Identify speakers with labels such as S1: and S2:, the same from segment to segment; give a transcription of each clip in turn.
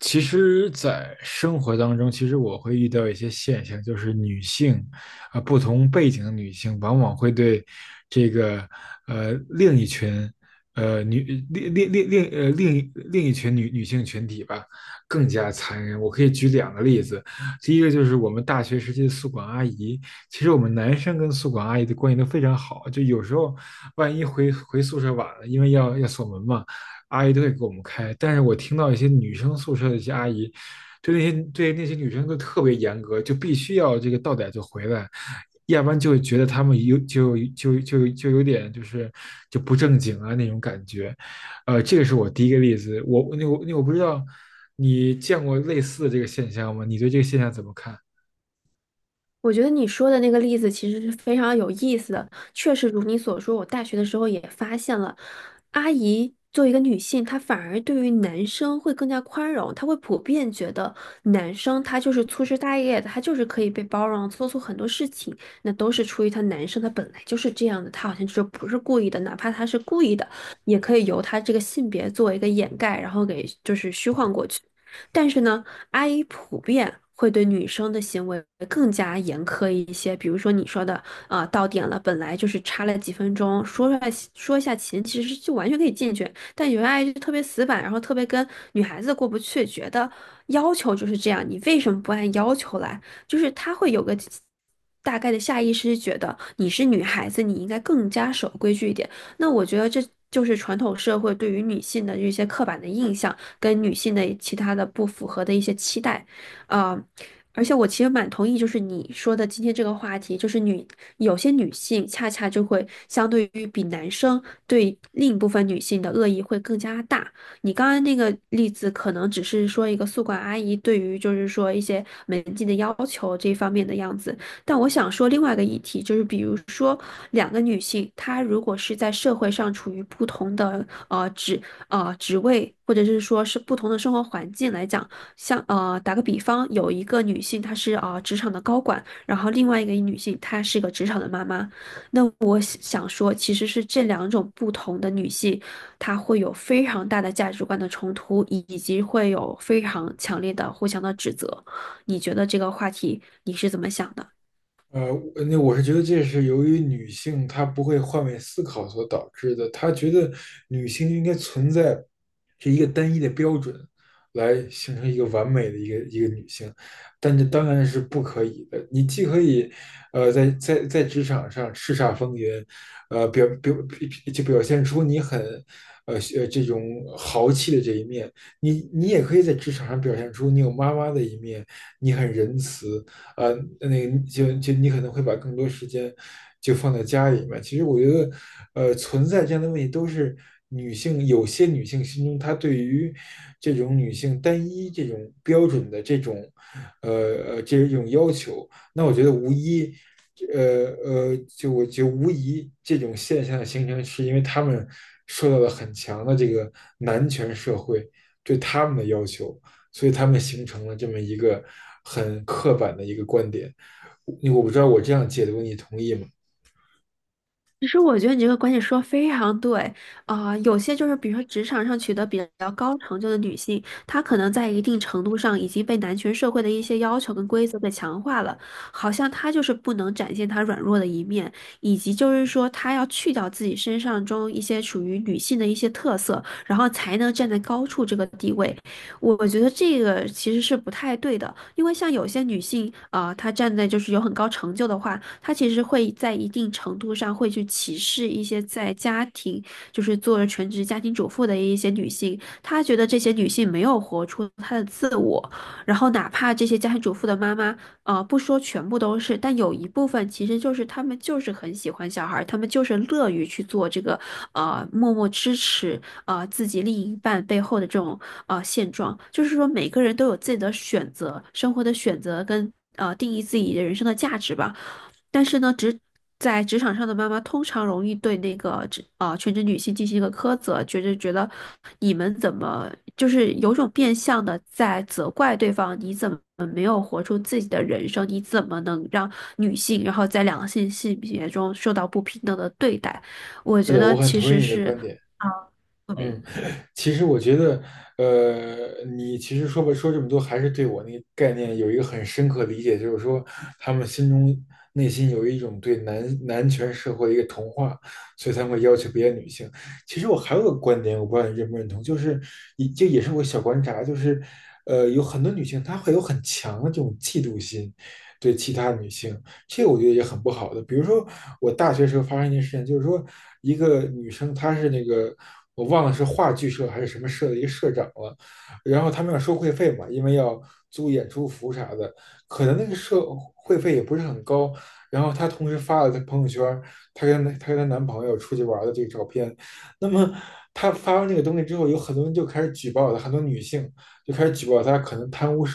S1: 其实，在生活当中，其实我会遇到一些现象，就是女性，啊、不同背景的女性，往往会对这个另一群呃女另一群女性群体吧，更加残忍。我可以举两个例子，第一个就是我们大学时期的宿管阿姨，其实我们男生跟宿管阿姨的关系都非常好，就有时候万一回宿舍晚了，因为要锁门嘛。阿姨都会给我们开。但是我听到一些女生宿舍的一些阿姨，对那些女生都特别严格，就必须要这个到点就回来，要不然就会觉得她们有就就就就有点就是就不正经啊那种感觉。这个是我第一个例子。我不知道你见过类似的这个现象吗？你对这个现象怎么看？
S2: 我觉得你说的那个例子其实是非常有意思的，确实如你所说，我大学的时候也发现了，阿姨作为一个女性，她反而对于男生会更加宽容，她会普遍觉得男生他就是粗枝大叶的，他就是可以被包容，做出很多事情，那都是出于他男生他本来就是这样的，他好像就是不是故意的，哪怕他是故意的，也可以由他这个性别作为一个掩盖，然后给就是虚幻过去。但是呢，阿姨普遍会对女生的行为更加严苛一些。比如说你说的，到点了，本来就是差了几分钟，说出来说一下勤，其实就完全可以进去。但有些阿姨就特别死板，然后特别跟女孩子过不去，觉得要求就是这样，你为什么不按要求来？就是她会有个，大概的下意识觉得你是女孩子，你应该更加守规矩一点。那我觉得这就是传统社会对于女性的一些刻板的印象，跟女性的其他的不符合的一些期待，啊、而且我其实蛮同意，就是你说的今天这个话题，就是有些女性恰恰就会相对于比男生对另一部分女性的恶意会更加大。你刚刚那个例子可能只是说一个宿管阿姨对于就是说一些门禁的要求这方面的样子，但我想说另外一个议题，就是比如说两个女性，她如果是在社会上处于不同的职位，或者是说是不同的生活环境来讲，像打个比方，有一个女性她是职场的高管，然后另外一个女性她是个职场的妈妈，那我想说，其实是这两种不同的女性，她会有非常大的价值观的冲突，以及会有非常强烈的互相的指责。你觉得这个话题你是怎么想的？
S1: 我是觉得这是由于女性她不会换位思考所导致的。她觉得女性就应该存在是一个单一的标准，来形成一个完美的一个女性，但这当然是不可以的。你既可以，在职场上叱咤风云，呃，表表就表现出你很，这种豪气的这一面，你也可以在职场上表现出你有妈妈的一面，你很仁慈，呃，那个你可能会把更多时间就放在家里面。其实我觉得，存在这样的问题都是有些女性心中她对于这种女性单一这种标准的这种呃这种要求。那我觉得无疑，就我觉得无疑这种现象的形成，是因为他们受到了很强的这个男权社会对他们的要求。所以他们形成了这么一个很刻板的一个观点。你我不知道我这样解读你同意吗？
S2: 其实我觉得你这个观点说得非常对。有些就是比如说职场上取得比较高成就的女性，她可能在一定程度上已经被男权社会的一些要求跟规则给强化了，好像她就是不能展现她软弱的一面，以及就是说她要去掉自己身上中一些属于女性的一些特色，然后才能站在高处这个地位。我觉得这个其实是不太对的，因为像有些女性她站在就是有很高成就的话。他其实会在一定程度上会去歧视一些在家庭，就是做了全职家庭主妇的一些女性，他觉得这些女性没有活出她的自我，然后哪怕这些家庭主妇的妈妈，不说全部都是，但有一部分其实就是她们就是很喜欢小孩儿，她们就是乐于去做这个，默默支持自己另一半背后的这种现状，就是说每个人都有自己的选择，生活的选择跟定义自己的人生的价值吧。但是呢，在职场上的妈妈通常容易对那个全职女性进行一个苛责，觉得你们怎么就是有种变相的在责怪对方，你怎么没有活出自己的人生？你怎么能让女性然后在两性性别中受到不平等的对待？我
S1: 是
S2: 觉
S1: 的，我
S2: 得
S1: 很
S2: 其
S1: 同
S2: 实
S1: 意你的
S2: 是。
S1: 观点。
S2: 对。
S1: 嗯，其实我觉得，你其实说吧，说这么多，还是对我那个概念有一个很深刻的理解，就是说，他们心中内心有一种对男权社会的一个同化，所以才会要求别的女性。其实我还有个观点，我不知道你认不认同，就是也这也是我小观察，就是有很多女性她会有很强的这种嫉妒心，对其他女性，这个我觉得也很不好的。比如说，我大学时候发生一件事情，就是说一个女生，她是那个我忘了是话剧社还是什么社的一个社长了，然后他们要收会费嘛，因为要租演出服啥的，可能那个社会费也不是很高。然后她同时发了她朋友圈，她跟她男朋友出去玩的这个照片。那么她发完这个东西之后，有很多人就开始举报她，很多女性就开始举报她可能贪污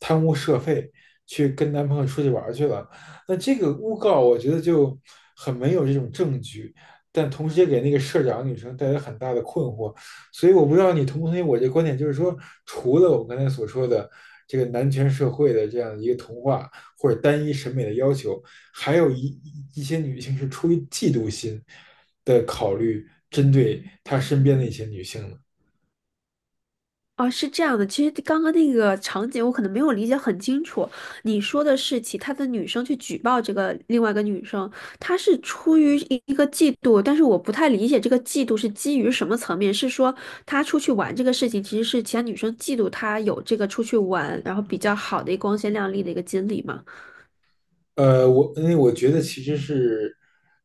S1: 社费，去跟男朋友出去玩去了。那这个诬告，我觉得就很没有这种证据，但同时也给那个社长女生带来很大的困惑。所以我不知道你同不同意我这观点，就是说，除了我刚才所说的这个男权社会的这样一个童话或者单一审美的要求，还有一些女性是出于嫉妒心的考虑，针对她身边的一些女性的。
S2: 哦，是这样的，其实刚刚那个场景我可能没有理解很清楚。你说的是其他的女生去举报这个另外一个女生，她是出于一个嫉妒，但是我不太理解这个嫉妒是基于什么层面？是说她出去玩这个事情，其实是其他女生嫉妒她有这个出去玩，然后比较好的一个光鲜亮丽的一个经历吗？
S1: 我因为我觉得其实是，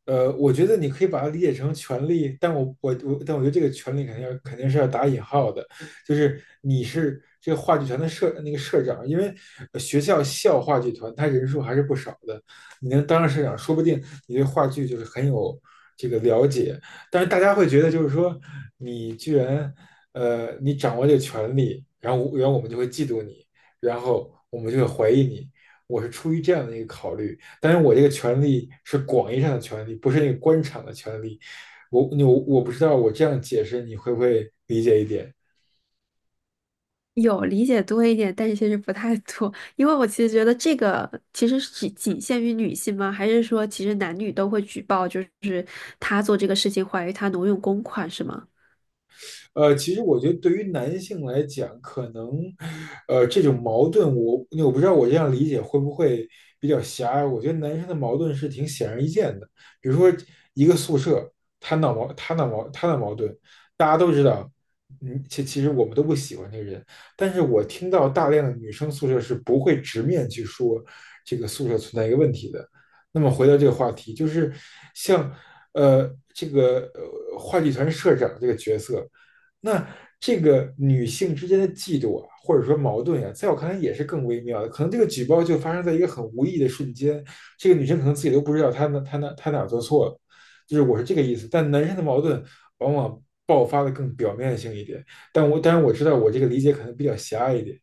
S1: 我觉得你可以把它理解成权利，但我觉得这个权利肯定要肯定是要打引号的，就是你是这个话剧团的社那个社长，因为学校话剧团他人数还是不少的，你能当上社长，说不定你对话剧就是很有这个了解，但是大家会觉得就是说你居然你掌握这个权利，然后我们就会嫉妒你，然后我们就会怀疑你。我是出于这样的一个考虑，但是我这个权利是广义上的权利，不是那个官场的权利。我不知道我这样解释你会不会理解一点？
S2: 有理解多一点，但是其实不太多，因为我其实觉得这个其实是仅仅限于女性吗？还是说其实男女都会举报，就是他做这个事情怀疑他挪用公款是吗？
S1: 其实我觉得对于男性来讲，可能，这种矛盾我，我不知道我这样理解会不会比较狭隘。我觉得男生的矛盾是挺显而易见的，比如说一个宿舍，他闹矛盾，大家都知道，嗯，其实我们都不喜欢这个人，但是我听到大量的女生宿舍是不会直面去说这个宿舍存在一个问题的。那么回到这个话题，就是像这个话剧团社长这个角色。那这个女性之间的嫉妒啊，或者说矛盾啊，在我看来也是更微妙的。可能这个举报就发生在一个很无意的瞬间，这个女生可能自己都不知道她哪做错了，就是我是这个意思。但男生的矛盾往往爆发的更表面性一点，但我当然我知道我这个理解可能比较狭隘一点。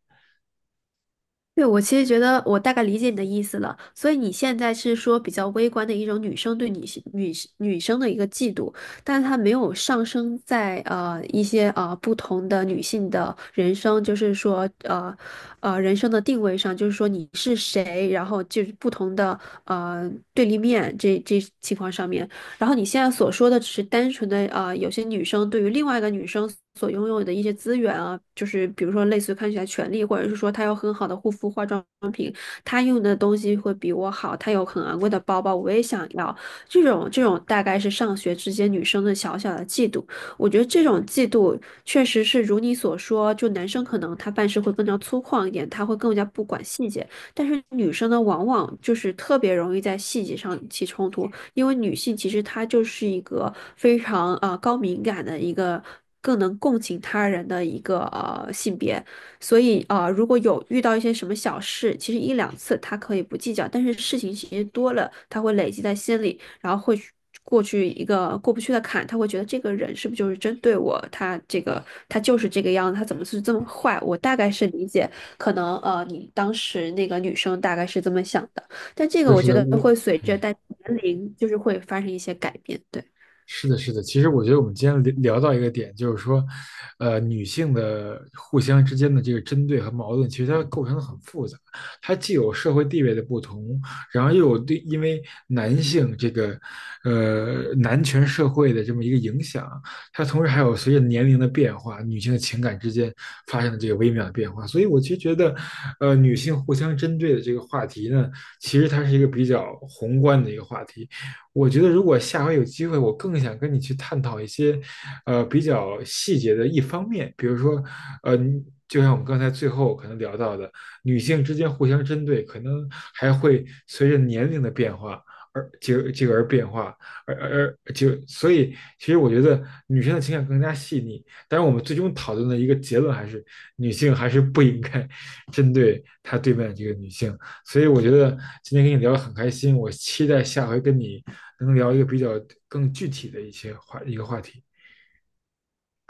S2: 对，我其实觉得我大概理解你的意思了，所以你现在是说比较微观的一种女生对女生的一个嫉妒，但是她没有上升在一些不同的女性的人生，就是说人生的定位上，就是说你是谁，然后就是不同的对立面这情况上面，然后你现在所说的只是单纯的有些女生对于另外一个女生所拥有的一些资源啊，就是比如说类似于看起来权利，或者是说她有很好的护肤化妆品，她用的东西会比我好，她有很昂贵的包包，我也想要。这种大概是上学之间女生的小小的嫉妒。我觉得这种嫉妒确实是如你所说，就男生可能他办事会更加粗犷一点，他会更加不管细节，但是女生呢，往往就是特别容易在细节上起冲突。因为女性其实她就是一个非常高敏感的一个。更能共情他人的一个性别，所以如果有遇到一些什么小事，其实一两次她可以不计较，但是事情其实多了，她会累积在心里，然后会去过去一个过不去的坎，她会觉得这个人是不是就是针对我？他这个他就是这个样子，他怎么是这么坏？我大概是理解，可能你当时那个女生大概是这么想的。但这
S1: 是
S2: 个
S1: 的，
S2: 我
S1: 是
S2: 觉
S1: 的，
S2: 得
S1: 我
S2: 会随着
S1: 嗯。
S2: 大家年龄，就是会发生一些改变。对。
S1: 是的，是的。其实我觉得我们今天聊到一个点，就是说，女性的互相之间的这个针对和矛盾，其实它构成的很复杂。它既有社会地位的不同，然后又有对因为男性这个，男权社会的这么一个影响，它同时还有随着年龄的变化，女性的情感之间发生的这个微妙的变化。所以我其实觉得，女性互相针对的这个话题呢，其实它是一个比较宏观的一个话题。我觉得如果下回有机会，我更想跟你去探讨一些，比较细节的一方面，比如说，呃，就像我们刚才最后可能聊到的，女性之间互相针对，可能还会随着年龄的变化而这这个而变化，而而而就所以，其实我觉得女生的情感更加细腻。但是我们最终讨论的一个结论还是，女性还是不应该 针对她对面的这个女性。所以我觉得今天跟你聊得很开心，我期待下回跟你能聊一个比较更具体的一个话题。